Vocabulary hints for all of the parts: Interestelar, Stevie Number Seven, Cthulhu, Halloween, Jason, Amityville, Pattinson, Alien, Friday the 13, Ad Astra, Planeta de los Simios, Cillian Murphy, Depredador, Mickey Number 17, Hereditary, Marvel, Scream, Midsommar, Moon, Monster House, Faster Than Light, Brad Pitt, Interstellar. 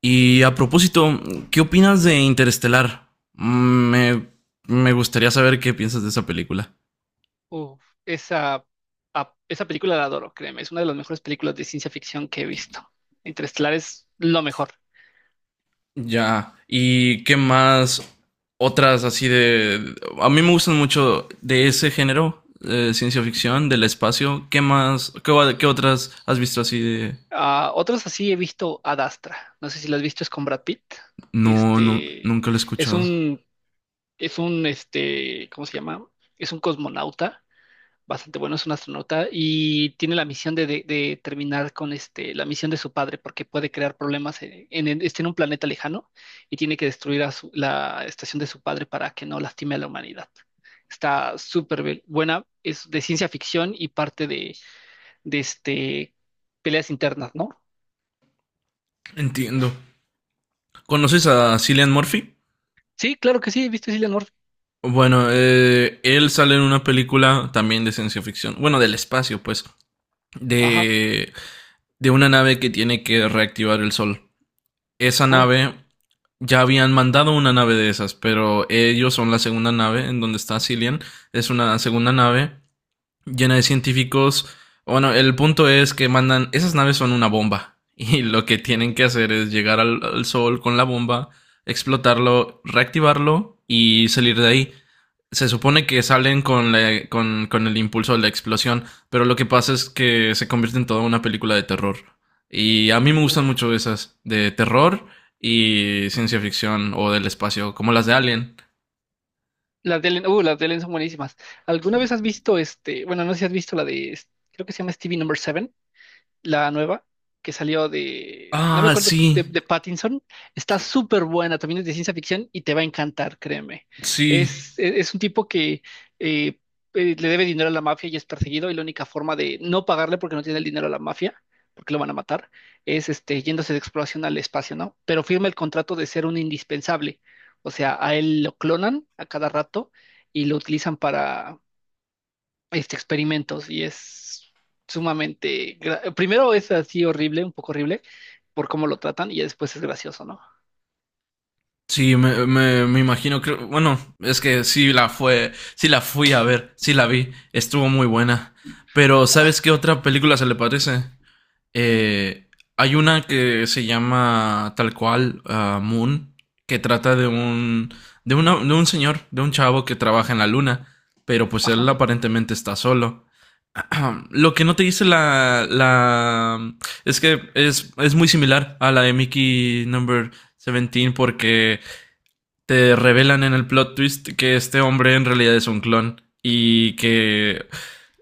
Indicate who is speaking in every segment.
Speaker 1: Y a propósito, ¿qué opinas de Interestelar? Me gustaría saber qué piensas de esa película.
Speaker 2: Uf, esa película la adoro, créeme, es una de las mejores películas de ciencia ficción que he visto. Interestelar es lo mejor.
Speaker 1: Ya. ¿Y qué más? Otras así de... A mí me gustan mucho de ese género, de ciencia ficción, del espacio. ¿Qué más? ¿ Qué otras has visto así de...?
Speaker 2: Ah, otros así he visto Ad Astra, no sé si lo has visto, es con Brad Pitt.
Speaker 1: No, no,
Speaker 2: Este,
Speaker 1: nunca lo he
Speaker 2: es
Speaker 1: escuchado.
Speaker 2: un, ¿Cómo se llama? Es un cosmonauta bastante bueno, es un astronauta y tiene la misión de terminar con la misión de su padre porque puede crear problemas está en un planeta lejano y tiene que destruir la estación de su padre para que no lastime a la humanidad. Está súper buena, es de ciencia ficción y parte de este, peleas internas, ¿no?
Speaker 1: Entiendo. ¿Conoces a Cillian Murphy?
Speaker 2: Sí, claro que sí, ¿viste Cillian Murphy?
Speaker 1: Bueno, él sale en una película también de ciencia ficción. Bueno, del espacio, pues.
Speaker 2: Ajá.
Speaker 1: De de una nave que tiene que reactivar el sol. Esa nave
Speaker 2: Oh,
Speaker 1: ya habían mandado una nave de esas, pero ellos son la segunda nave en donde está Cillian. Es una segunda nave llena de científicos. Bueno, el punto es que mandan, esas naves son una bomba y lo que tienen que hacer es llegar al sol con la bomba, explotarlo, reactivarlo y salir de ahí. Se supone que salen con el impulso de la explosión, pero lo que pasa es que se convierte en toda una película de terror. Y a mí me gustan
Speaker 2: uf.
Speaker 1: mucho esas, de terror y ciencia ficción o del espacio, como las de Alien.
Speaker 2: Las de Ellen son buenísimas. ¿Alguna vez has visto bueno, no sé si has visto la de, creo que se llama Stevie Number Seven, la nueva que salió de, no me
Speaker 1: Ah,
Speaker 2: acuerdo,
Speaker 1: sí,
Speaker 2: de Pattinson? Está súper buena, también es de ciencia ficción y te va a encantar, créeme.
Speaker 1: sí.
Speaker 2: Es un tipo que eh, le debe dinero a la mafia y es perseguido y la única forma de no pagarle porque no tiene el dinero a la mafia, porque lo van a matar, es yéndose de exploración al espacio, ¿no? Pero firma el contrato de ser un indispensable, o sea, a él lo clonan a cada rato y lo utilizan para experimentos y es sumamente, primero es así horrible, un poco horrible por cómo lo tratan y ya después es gracioso, ¿no?
Speaker 1: Sí, me imagino, que, bueno, es que sí la fui a ver, sí la vi, estuvo muy buena. Pero ¿sabes qué otra película se le parece? Eh, Hay una que se llama tal cual ah, Moon, que trata de de un señor, de un chavo que trabaja en la luna, pero pues él
Speaker 2: Ajá,
Speaker 1: aparentemente está solo. Lo que no te dice la es que es muy similar a la de Mickey Number 17 porque te revelan en el plot twist que este hombre en realidad es un clon y que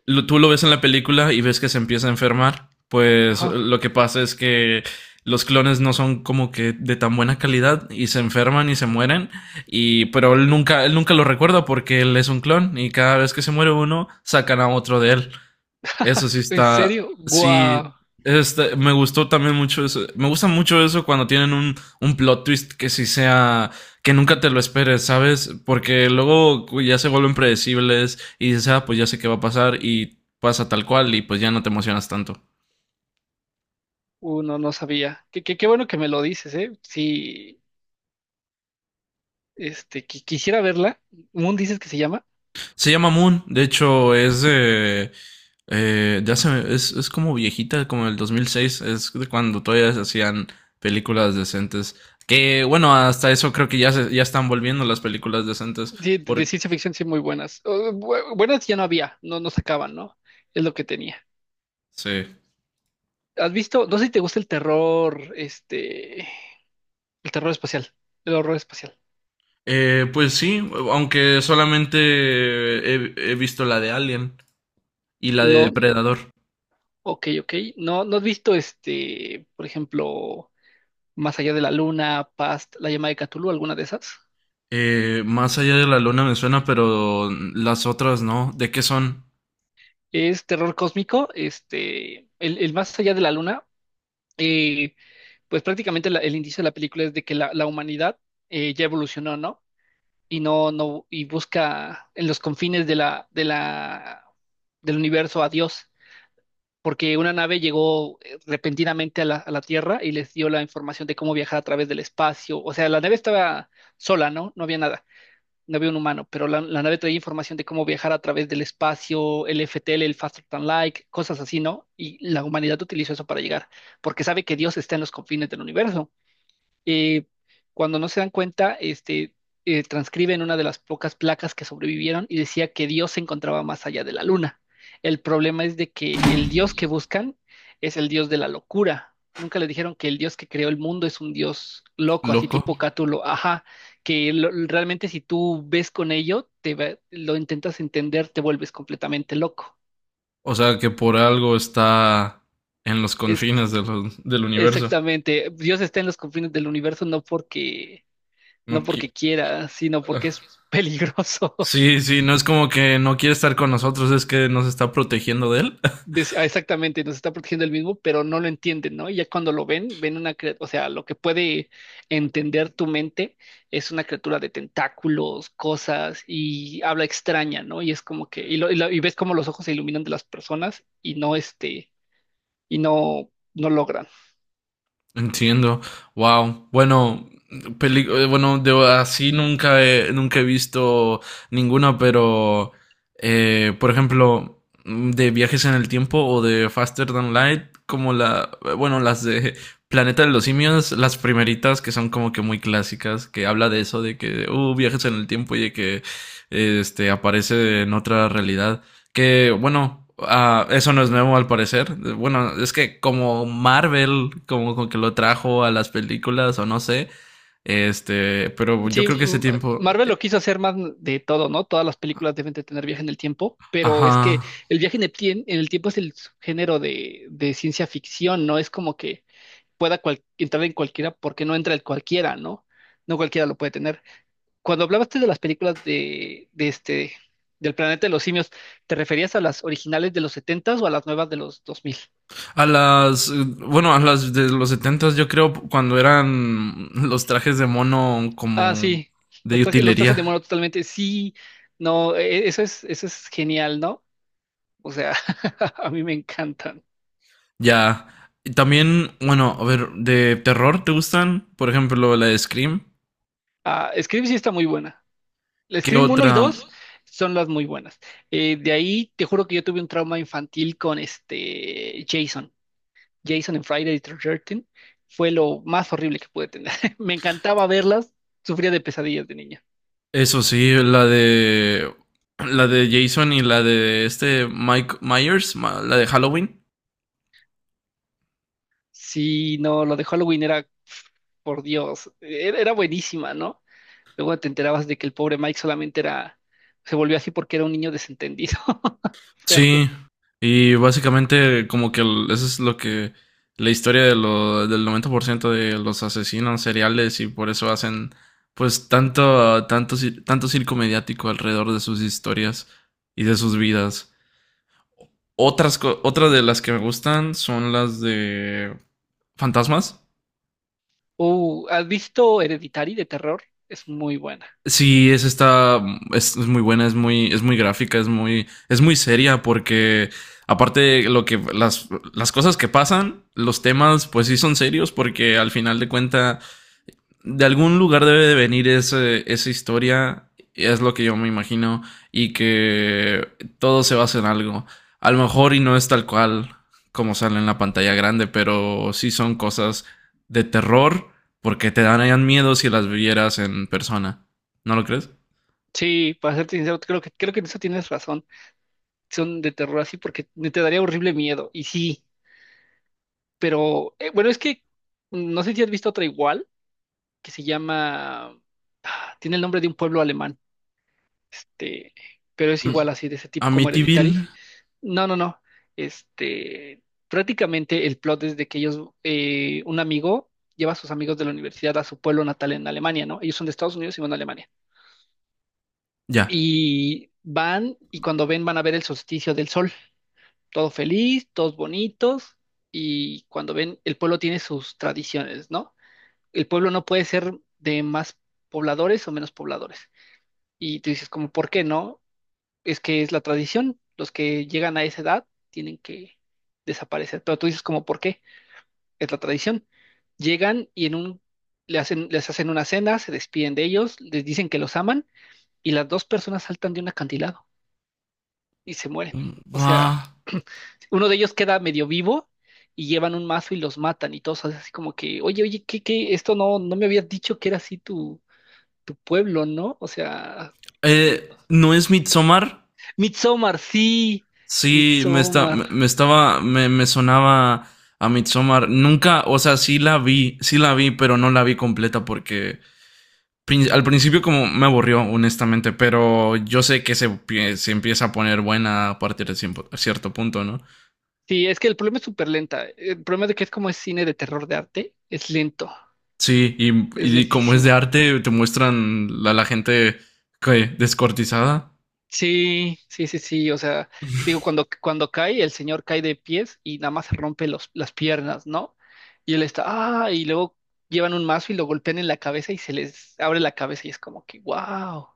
Speaker 1: tú lo ves en la película y ves que se empieza a enfermar, pues
Speaker 2: ajá.
Speaker 1: lo que pasa es que los clones no son como que de tan buena calidad y se enferman y se mueren y pero él nunca lo recuerda porque él es un clon y cada vez que se muere uno sacan a otro de él. Eso sí
Speaker 2: ¿En
Speaker 1: está,
Speaker 2: serio?
Speaker 1: sí,
Speaker 2: Guau,
Speaker 1: este, me gustó también mucho eso. Me gusta mucho eso cuando tienen un plot twist que sí sea, que nunca te lo esperes, ¿sabes? Porque ya se vuelven predecibles y dices, ah, pues ya sé qué va a pasar y pasa tal cual y pues ya no te emocionas tanto.
Speaker 2: uno no sabía. Qué bueno que me lo dices, ¿eh? Sí, quisiera verla. ¿Moon dices que se llama?
Speaker 1: Se llama Moon, de hecho es de... Es como viejita, como el 2006, es de cuando todavía se hacían películas decentes. Que bueno, hasta eso creo que ya, ya están volviendo las películas decentes.
Speaker 2: Sí, de
Speaker 1: Porque,
Speaker 2: ciencia ficción sí muy buenas. Oh, buenas ya no había, no, no sacaban, ¿no? Es lo que tenía.
Speaker 1: sí.
Speaker 2: ¿Has visto? No sé si te gusta el terror, el terror espacial, el horror espacial.
Speaker 1: Pues sí, aunque solamente he visto la de Alien y la de
Speaker 2: No,
Speaker 1: Depredador.
Speaker 2: ok, ok. No, no has visto por ejemplo, Más allá de la luna, Past, La llama de Cthulhu, alguna de esas.
Speaker 1: Más allá de la luna me suena, pero las otras no. ¿De qué son?
Speaker 2: Es terror cósmico. El Más allá de la luna, eh, pues prácticamente el inicio de la película es de que la humanidad ya evolucionó, ¿no? Y no, no, y busca en los confines del universo a Dios. Porque una nave llegó repentinamente a la Tierra y les dio la información de cómo viajar a través del espacio. O sea, la nave estaba sola, ¿no? No había nada, no había un humano, pero la nave traía información de cómo viajar a través del espacio, el FTL, el Faster Than Light, cosas así, ¿no? Y la humanidad utilizó eso para llegar, porque sabe que Dios está en los confines del universo. eh, Cuando no se dan cuenta, transcriben una de las pocas placas que sobrevivieron y decía que Dios se encontraba más allá de la luna. El problema es de que el Dios que buscan es el Dios de la locura. Nunca le dijeron que el Dios que creó el mundo es un Dios loco, así
Speaker 1: ¿Loco?
Speaker 2: tipo Cátulo, ajá, realmente si tú ves con ello, lo intentas entender, te vuelves completamente loco.
Speaker 1: O sea, que por algo está en los
Speaker 2: Es
Speaker 1: confines de los- del universo.
Speaker 2: exactamente, Dios está en los confines del universo, no porque
Speaker 1: No qui-
Speaker 2: quiera, sino porque es peligroso.
Speaker 1: sí, sí, no es como que no quiere estar con nosotros, es que nos está protegiendo de él.
Speaker 2: Exactamente, nos está protegiendo el mismo, pero no lo entienden, ¿no? Y ya cuando lo ven, ven una criatura, o sea, lo que puede entender tu mente es una criatura de tentáculos, cosas y habla extraña, ¿no? Y es como que, y ves como los ojos se iluminan de las personas y no y no logran.
Speaker 1: Entiendo. Wow. Bueno, de así nunca he visto ninguna, pero por ejemplo, de Viajes en el Tiempo o de Faster Than Light, como las de Planeta de los Simios, las primeritas que son como que muy clásicas, que habla de eso, de que, viajes en el tiempo y de que este aparece en otra realidad. Que bueno, ah, eso no es nuevo al parecer. Bueno, es que como Marvel, como que lo trajo a las películas o no sé. Este, pero yo
Speaker 2: Sí,
Speaker 1: creo que ese tiempo,
Speaker 2: Marvel lo quiso hacer más de todo, ¿no? Todas las películas deben de tener viaje en el tiempo, pero es que
Speaker 1: ajá,
Speaker 2: el viaje en el tiempo es el género de ciencia ficción, no es como que pueda entrar en cualquiera porque no entra el cualquiera, ¿no? No cualquiera lo puede tener. Cuando hablabaste de las películas del planeta de los simios, ¿te referías a las originales de los setentas o a las nuevas de los 2000?
Speaker 1: a las, bueno, a las de los setentas, yo creo cuando eran los trajes de mono
Speaker 2: Ah,
Speaker 1: como
Speaker 2: sí, los
Speaker 1: de
Speaker 2: trajes, los trajes de
Speaker 1: utilería,
Speaker 2: mono totalmente, sí, no, eso es genial, ¿no? O sea, a mí me encantan.
Speaker 1: ya. Y también, bueno, a ver, de terror, ¿te gustan? Por ejemplo, la de Scream.
Speaker 2: Ah, Scream sí está muy buena. La
Speaker 1: ¿Qué
Speaker 2: Scream uno y
Speaker 1: otra?
Speaker 2: 2 son las muy buenas. De ahí te juro que yo tuve un trauma infantil con este Jason. Jason en Friday the 13 fue lo más horrible que pude tener. Me encantaba verlas, sufría de pesadillas de niña.
Speaker 1: Eso sí, la de. La de Jason y la de este Mike Myers, la de Halloween.
Speaker 2: Sí, no, lo de Halloween era, pf, por Dios, era buenísima, ¿no? Luego te enterabas de que el pobre Mike solamente se volvió así porque era un niño desentendido. Fue.
Speaker 1: Sí. Y básicamente, eso es lo que. La historia del 90% de los asesinos seriales y por eso hacen. Pues tanto circo mediático alrededor de sus historias y de sus vidas. Otras, otras de las que me gustan son las de fantasmas.
Speaker 2: ¿Has visto Hereditary de terror? Es muy buena.
Speaker 1: Sí, es esta, es muy buena, es muy gráfica, es muy seria porque aparte de las cosas que pasan, los temas pues sí son serios porque al final de cuenta de algún lugar debe de venir esa historia, es lo que yo me imagino, y que todo se basa en algo. A lo mejor y no es tal cual como sale en la pantalla grande, pero sí son cosas de terror porque te darían miedo si las vieras en persona. ¿No lo crees?
Speaker 2: Sí, para serte sincero, creo que en eso tienes razón. Son de terror así porque te daría horrible miedo. Y sí, pero bueno, es que no sé si has visto otra igual que se llama. Ah, tiene el nombre de un pueblo alemán. Este, pero es igual así, de ese tipo como
Speaker 1: Amityville,
Speaker 2: Hereditary. No, no, no. Este, Prácticamente el plot es de que ellos, un amigo lleva a sus amigos de la universidad a su pueblo natal en Alemania, ¿no? Ellos son de Estados Unidos y van a Alemania.
Speaker 1: ya.
Speaker 2: Y van, y cuando ven, van a ver el solsticio del sol. Todo feliz, todos bonitos. Y cuando ven, el pueblo tiene sus tradiciones, ¿no? El pueblo no puede ser de más pobladores o menos pobladores. Y tú dices, como, ¿por qué no? Es que es la tradición. Los que llegan a esa edad tienen que desaparecer. Pero tú dices, como, ¿por qué? Es la tradición. Llegan y les hacen una cena, se despiden de ellos, les dicen que los aman, y las dos personas saltan de un acantilado. Y se muere. O
Speaker 1: Buah.
Speaker 2: sea, uno de ellos queda medio vivo y llevan un mazo y los matan y todos así como que, oye, oye, ¿qué, qué? Esto no, no me habías dicho que era así tu pueblo, ¿no? O sea, mm,
Speaker 1: No es Midsommar.
Speaker 2: Midsommar, sí,
Speaker 1: Sí, me está,
Speaker 2: Midsommar.
Speaker 1: me me estaba, me sonaba a Midsommar. Nunca, o sea, sí la vi, pero no la vi completa porque al principio como me aburrió, honestamente, pero yo sé que se empieza a poner buena a partir de cierto punto, ¿no?
Speaker 2: Sí, es que el problema es súper lenta. El problema de que es como es cine de terror de arte, es lento,
Speaker 1: Sí,
Speaker 2: es
Speaker 1: y como es de
Speaker 2: lentísimo.
Speaker 1: arte, te muestran a la gente que descortizada.
Speaker 2: Sí, sí, sí, sí, o sea, digo, cuando cae, el señor cae de pies y nada más se rompe las piernas, ¿no? Y él está, ah, y luego llevan un mazo y lo golpean en la cabeza y se les abre la cabeza y es como que, wow.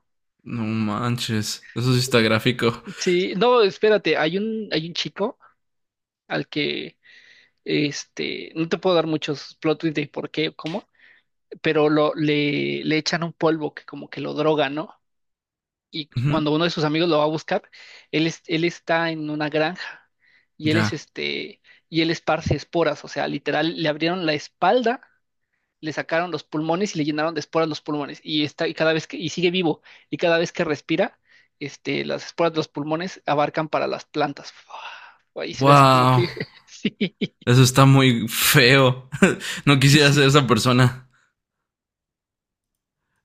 Speaker 1: No manches, eso sí está gráfico.
Speaker 2: Sí, no, espérate, hay un chico al que, no te puedo dar muchos plot twists de por qué o cómo, pero le echan un polvo que como que lo droga, ¿no? Y
Speaker 1: Ujú.
Speaker 2: cuando uno de sus amigos lo va a buscar, él está en una granja y él
Speaker 1: Ya.
Speaker 2: y él esparce esporas, o sea, literal, le abrieron la espalda, le sacaron los pulmones y le llenaron de esporas los pulmones y está, y sigue vivo, y cada vez que respira, las esporas de los pulmones abarcan para las plantas. Fua, y se ve así como que,
Speaker 1: Wow.
Speaker 2: sí,
Speaker 1: Eso está muy feo. No quisiera
Speaker 2: sí,
Speaker 1: ser esa persona.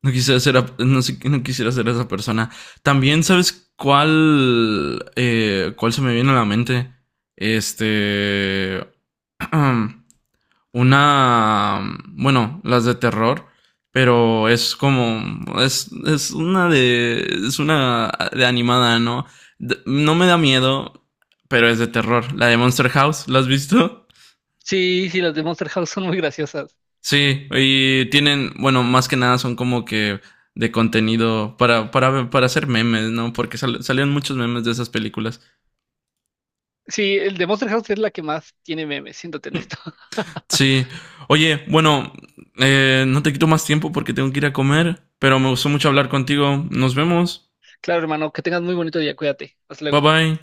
Speaker 1: No quisiera ser, no quisiera ser esa persona. También, ¿sabes cuál se me viene a la mente? Este, una, bueno, las de terror, pero es es, es una de, es una de animada, ¿no? No me da miedo, pero es de terror. La de Monster House, ¿la has visto?
Speaker 2: sí, sí, las de Monster House son muy graciosas.
Speaker 1: Sí, y tienen, bueno, más que nada son como que de contenido para hacer memes, ¿no? Porque salieron muchos memes de esas películas.
Speaker 2: Sí, el de Monster House es la que más tiene memes, siéntate en esto.
Speaker 1: Sí. Oye, bueno, no te quito más tiempo porque tengo que ir a comer, pero me gustó mucho hablar contigo. Nos vemos.
Speaker 2: Claro, hermano, que tengas muy bonito día, cuídate. Hasta
Speaker 1: Bye
Speaker 2: luego.
Speaker 1: bye.